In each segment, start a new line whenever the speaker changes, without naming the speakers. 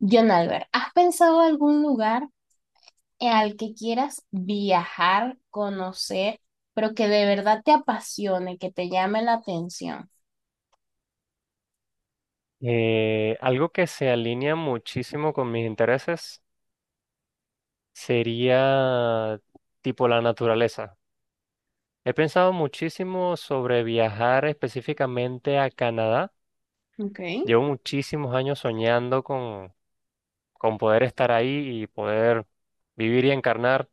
John Albert, ¿has pensado algún lugar al que quieras viajar, conocer, pero que de verdad te apasione, que te llame la atención?
Algo que se alinea muchísimo con mis intereses sería tipo la naturaleza. He pensado muchísimo sobre viajar específicamente a Canadá.
Okay.
Llevo muchísimos años soñando con poder estar ahí y poder vivir y encarnar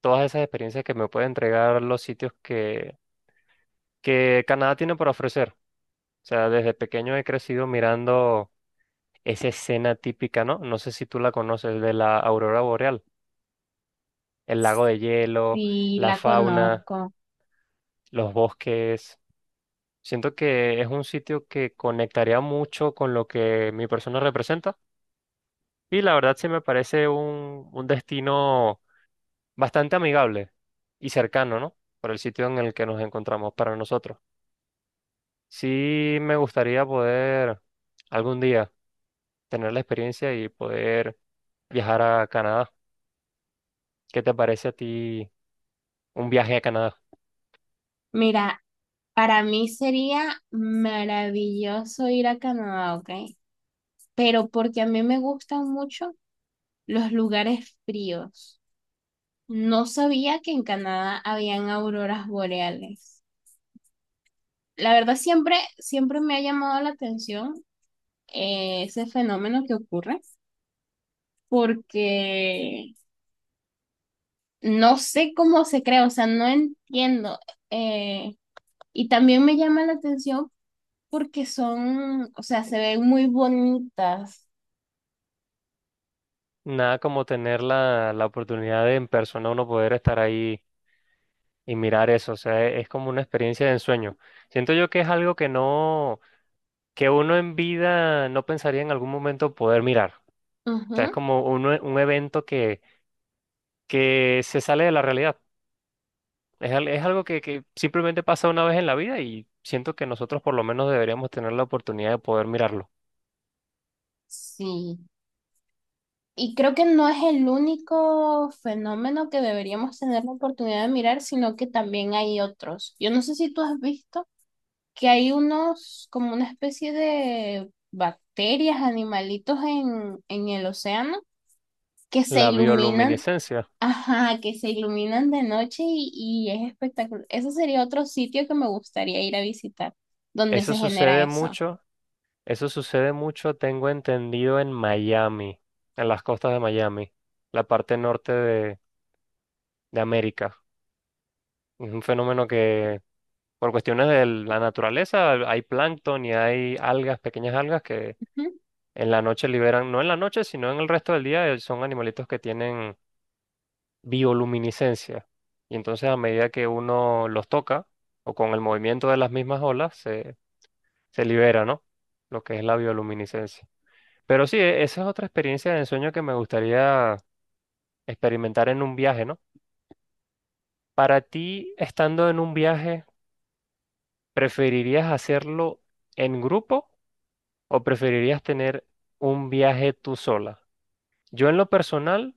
todas esas experiencias que me pueden entregar los sitios que Canadá tiene por ofrecer. O sea, desde pequeño he crecido mirando esa escena típica, ¿no? No sé si tú la conoces de la aurora boreal. El lago de hielo,
Sí,
la
la
fauna,
conozco.
los bosques. Siento que es un sitio que conectaría mucho con lo que mi persona representa y la verdad sí me parece un destino bastante amigable y cercano, ¿no? Por el sitio en el que nos encontramos para nosotros. Sí me gustaría poder algún día tener la experiencia y poder viajar a Canadá. ¿Qué te parece a ti un viaje a Canadá?
Mira, para mí sería maravilloso ir a Canadá, ¿ok? Pero porque a mí me gustan mucho los lugares fríos. No sabía que en Canadá habían auroras boreales. La verdad, siempre me ha llamado la atención, ese fenómeno que ocurre porque no sé cómo se crea, o sea, no entiendo. eh, y también me llama la atención porque son, o sea, se ven muy bonitas.
Nada como tener la oportunidad de en persona uno poder estar ahí y mirar eso, o sea, es como una experiencia de ensueño. Siento yo que es algo que uno en vida no pensaría en algún momento poder mirar. O sea, es
Ujú,
como un evento que se sale de la realidad. Es algo que simplemente pasa una vez en la vida y siento que nosotros por lo menos deberíamos tener la oportunidad de poder mirarlo.
sí. Y creo que no es el único fenómeno que deberíamos tener la oportunidad de mirar, sino que también hay otros. Yo no sé si tú has visto que hay unos, como una especie de bacterias, animalitos en el océano que se
La
iluminan,
bioluminiscencia,
ajá, que se iluminan de noche y es espectacular. Eso sería otro sitio que me gustaría ir a visitar, donde
eso
se genera
sucede
eso.
mucho eso sucede mucho, tengo entendido, en Miami, en las costas de Miami, la parte norte de América. Es un fenómeno que, por cuestiones de la naturaleza, hay plancton y hay algas, pequeñas algas que
Ujú.
en la noche liberan, no en la noche, sino en el resto del día, son animalitos que tienen bioluminiscencia. Y entonces a medida que uno los toca, o con el movimiento de las mismas olas, se libera, ¿no? Lo que es la bioluminiscencia. Pero sí, esa es otra experiencia de ensueño que me gustaría experimentar en un viaje, ¿no? Para ti, estando en un viaje, ¿preferirías hacerlo en grupo o preferirías tener un viaje tú sola? Yo en lo personal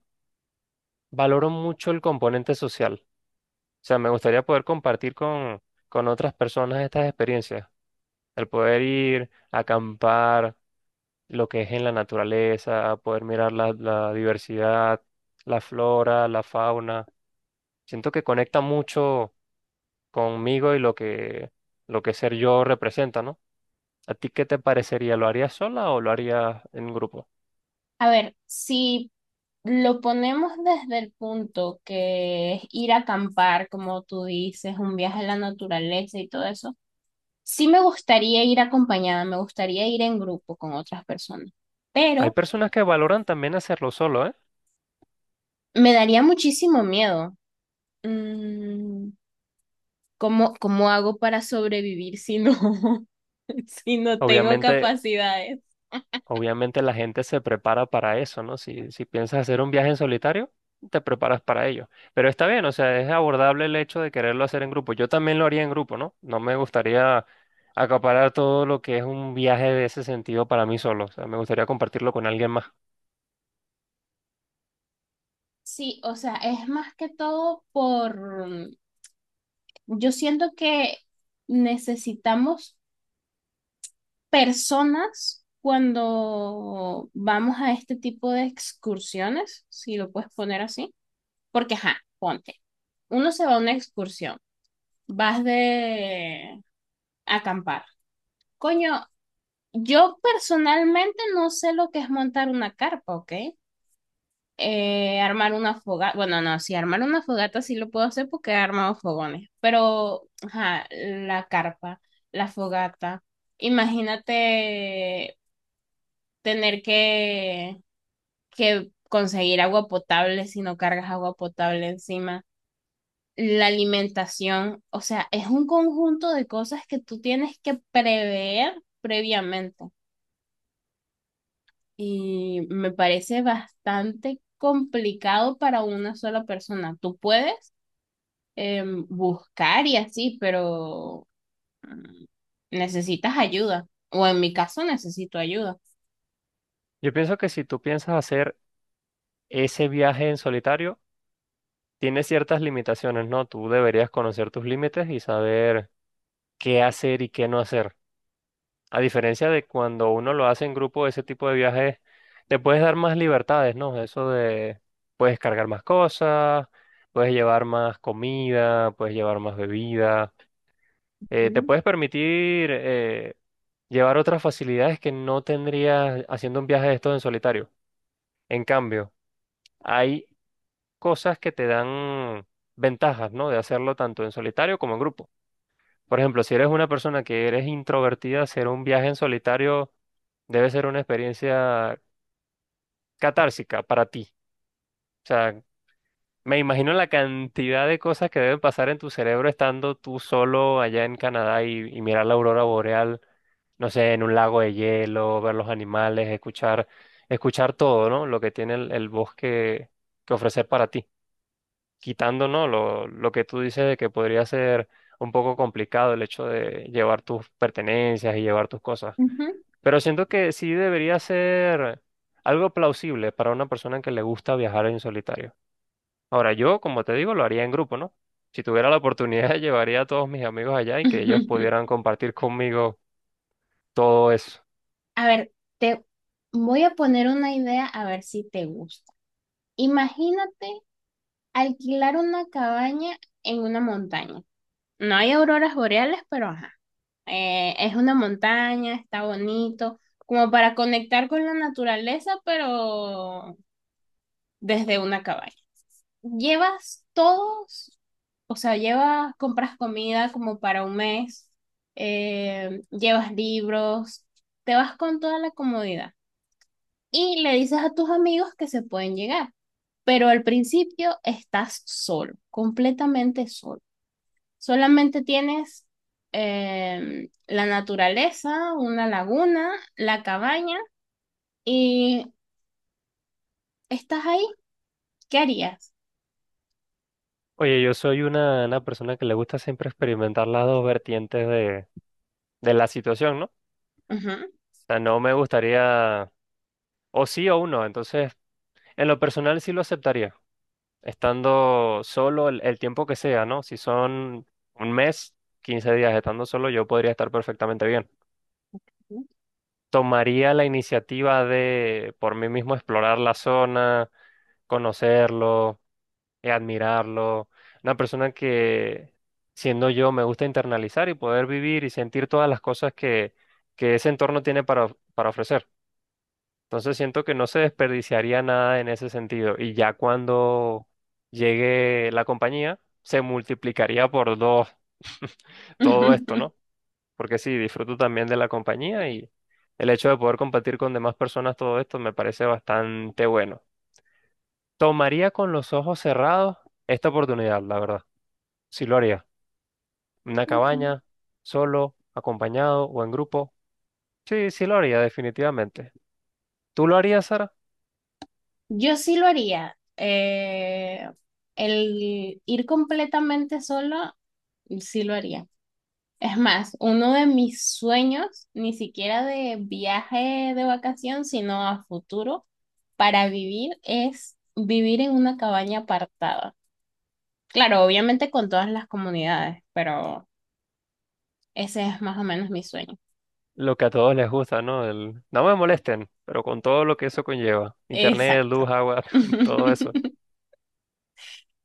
valoro mucho el componente social. O sea, me gustaría poder compartir con otras personas estas experiencias. El poder ir, acampar, lo que es en la naturaleza, poder mirar la diversidad, la flora, la fauna. Siento que conecta mucho conmigo y lo que ser yo representa, ¿no? ¿A ti qué te parecería? ¿Lo harías sola o lo harías en grupo?
A ver, si lo ponemos desde el punto que es ir a acampar, como tú dices, un viaje a la naturaleza y todo eso, sí me gustaría ir acompañada, me gustaría ir en grupo con otras personas,
Hay
pero
personas que valoran también hacerlo solo, ¿eh?
me daría muchísimo miedo. Mm, ¿Cómo, cómo hago para sobrevivir si no, si no tengo
Obviamente,
capacidades?
obviamente la gente se prepara para eso, ¿no? Si piensas hacer un viaje en solitario, te preparas para ello. Pero está bien, o sea, es abordable el hecho de quererlo hacer en grupo. Yo también lo haría en grupo, ¿no? No me gustaría acaparar todo lo que es un viaje de ese sentido para mí solo. O sea, me gustaría compartirlo con alguien más.
Sí, o sea, es más que todo por, yo siento que necesitamos personas cuando vamos a este tipo de excursiones, si lo puedes poner así, porque, ajá, ponte, uno se va a una excursión, vas de acampar. Coño, yo personalmente no sé lo que es montar una carpa, ¿ok? Armar una fogata, bueno, no, si armar una fogata sí lo puedo hacer porque he armado fogones, pero ajá, la carpa, la fogata, imagínate tener que conseguir agua potable si no cargas agua potable encima, la alimentación, o sea, es un conjunto de cosas que tú tienes que prever previamente y me parece bastante complicado para una sola persona. ¿Tú puedes? Em, buscar y así, pero mm, necesitas ayuda. O en mi caso necesito ayuda.
Yo pienso que si tú piensas hacer ese viaje en solitario, tienes ciertas limitaciones, ¿no? Tú deberías conocer tus límites y saber qué hacer y qué no hacer. A diferencia de cuando uno lo hace en grupo, ese tipo de viajes te puedes dar más libertades, ¿no? Eso de puedes cargar más cosas, puedes llevar más comida, puedes llevar más bebida, te
Ujú,
puedes permitir llevar otras facilidades que no tendrías haciendo un viaje de estos en solitario. En cambio, hay cosas que te dan ventajas, ¿no? De hacerlo tanto en solitario como en grupo. Por ejemplo, si eres una persona que eres introvertida, hacer un viaje en solitario debe ser una experiencia catársica para ti. O sea, me imagino la cantidad de cosas que deben pasar en tu cerebro estando tú solo allá en Canadá y mirar la aurora boreal, no sé, en un lago de hielo, ver los animales, escuchar, escuchar todo, ¿no? Lo que tiene el bosque que ofrecer para ti. Quitando, ¿no? Lo que tú dices de que podría ser un poco complicado el hecho de llevar tus pertenencias y llevar tus cosas.
ujú.
Pero siento que sí debería ser algo plausible para una persona que le gusta viajar en solitario. Ahora, yo, como te digo, lo haría en grupo, ¿no? Si tuviera la oportunidad, llevaría a todos mis amigos allá y que ellos pudieran compartir conmigo todo eso.
A ver, te voy a poner una idea a ver si te gusta. Imagínate alquilar una cabaña en una montaña. No hay auroras boreales, pero ajá. Es una montaña, está bonito, como para conectar con la naturaleza, pero desde una cabaña. Llevas todos, o sea, llevas, compras comida como para un mes, llevas libros, te vas con toda la comodidad y le dices a tus amigos que se pueden llegar, pero al principio estás solo, completamente solo. Solamente tienes, la naturaleza, una laguna, la cabaña y estás ahí. ¿Qué harías?
Oye, yo soy una persona que le gusta siempre experimentar las dos vertientes de la situación, ¿no? O
Ujú.
sea, no me gustaría o sí o uno. Entonces, en lo personal sí lo aceptaría, estando solo el tiempo que sea, ¿no? Si son un mes, 15 días estando solo, yo podría estar perfectamente bien. Tomaría la iniciativa de por mí mismo explorar la zona, conocerlo, admirarlo. Una persona que, siendo yo, me gusta internalizar y poder vivir y sentir todas las cosas que ese entorno tiene para, para ofrecer. Entonces siento que no se desperdiciaría nada en ese sentido. Y ya cuando llegue la compañía, se multiplicaría por dos todo esto, ¿no? Porque sí, disfruto también de la compañía y el hecho de poder compartir con demás personas todo esto me parece bastante bueno. Tomaría con los ojos cerrados esta oportunidad, la verdad. Sí lo haría. Una
Ok.
cabaña, solo, acompañado o en grupo. Sí, sí lo haría, definitivamente. ¿Tú lo harías, Sara?
Yo sí lo haría. El ir completamente solo, sí lo haría. Es más, uno de mis sueños, ni siquiera de viaje de vacación, sino a futuro, para vivir es vivir en una cabaña apartada. Claro, obviamente con todas las comunidades, pero ese es más o menos mi sueño.
Lo que a todos les gusta, ¿no? El, no me molesten, pero con todo lo que eso conlleva. Internet,
Exacto.
luz, agua, todo eso.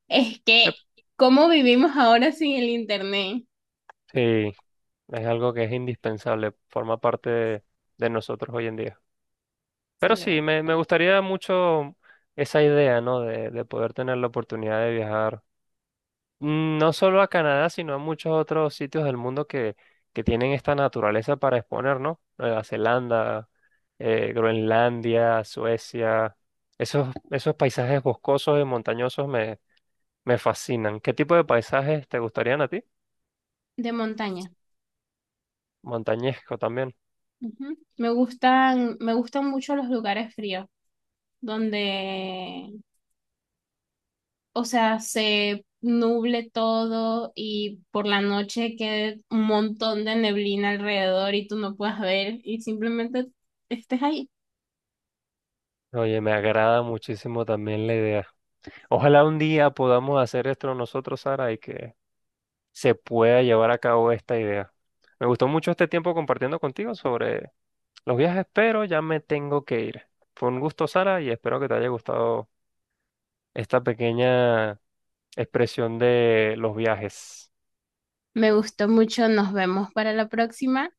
Es que,
Yep.
¿cómo vivimos ahora sin el internet?
Sí, es algo que es indispensable, forma parte de nosotros hoy en día.
Sí
Pero
lo
sí,
es.
me gustaría mucho esa idea, ¿no? De poder tener la oportunidad de viajar, no solo a Canadá, sino a muchos otros sitios del mundo que tienen esta naturaleza para exponer, ¿no? Nueva Zelanda, Groenlandia, Suecia. Esos paisajes boscosos y montañosos me fascinan. ¿Qué tipo de paisajes te gustarían a ti?
De montaña.
Montañesco también.
Ujú. Me gustan mucho los lugares fríos, donde, o sea, se nuble todo y por la noche quede un montón de neblina alrededor y tú no puedas ver y simplemente estés ahí.
Oye, me agrada muchísimo también la idea. Ojalá un día podamos hacer esto nosotros, Sara, y que se pueda llevar a cabo esta idea. Me gustó mucho este tiempo compartiendo contigo sobre los días espero, ya me tengo que ir. Fue un gusto, Sara, y espero que te haya gustado esta pequeña expresión de los viajes.
Me gustó mucho, nos vemos para la próxima.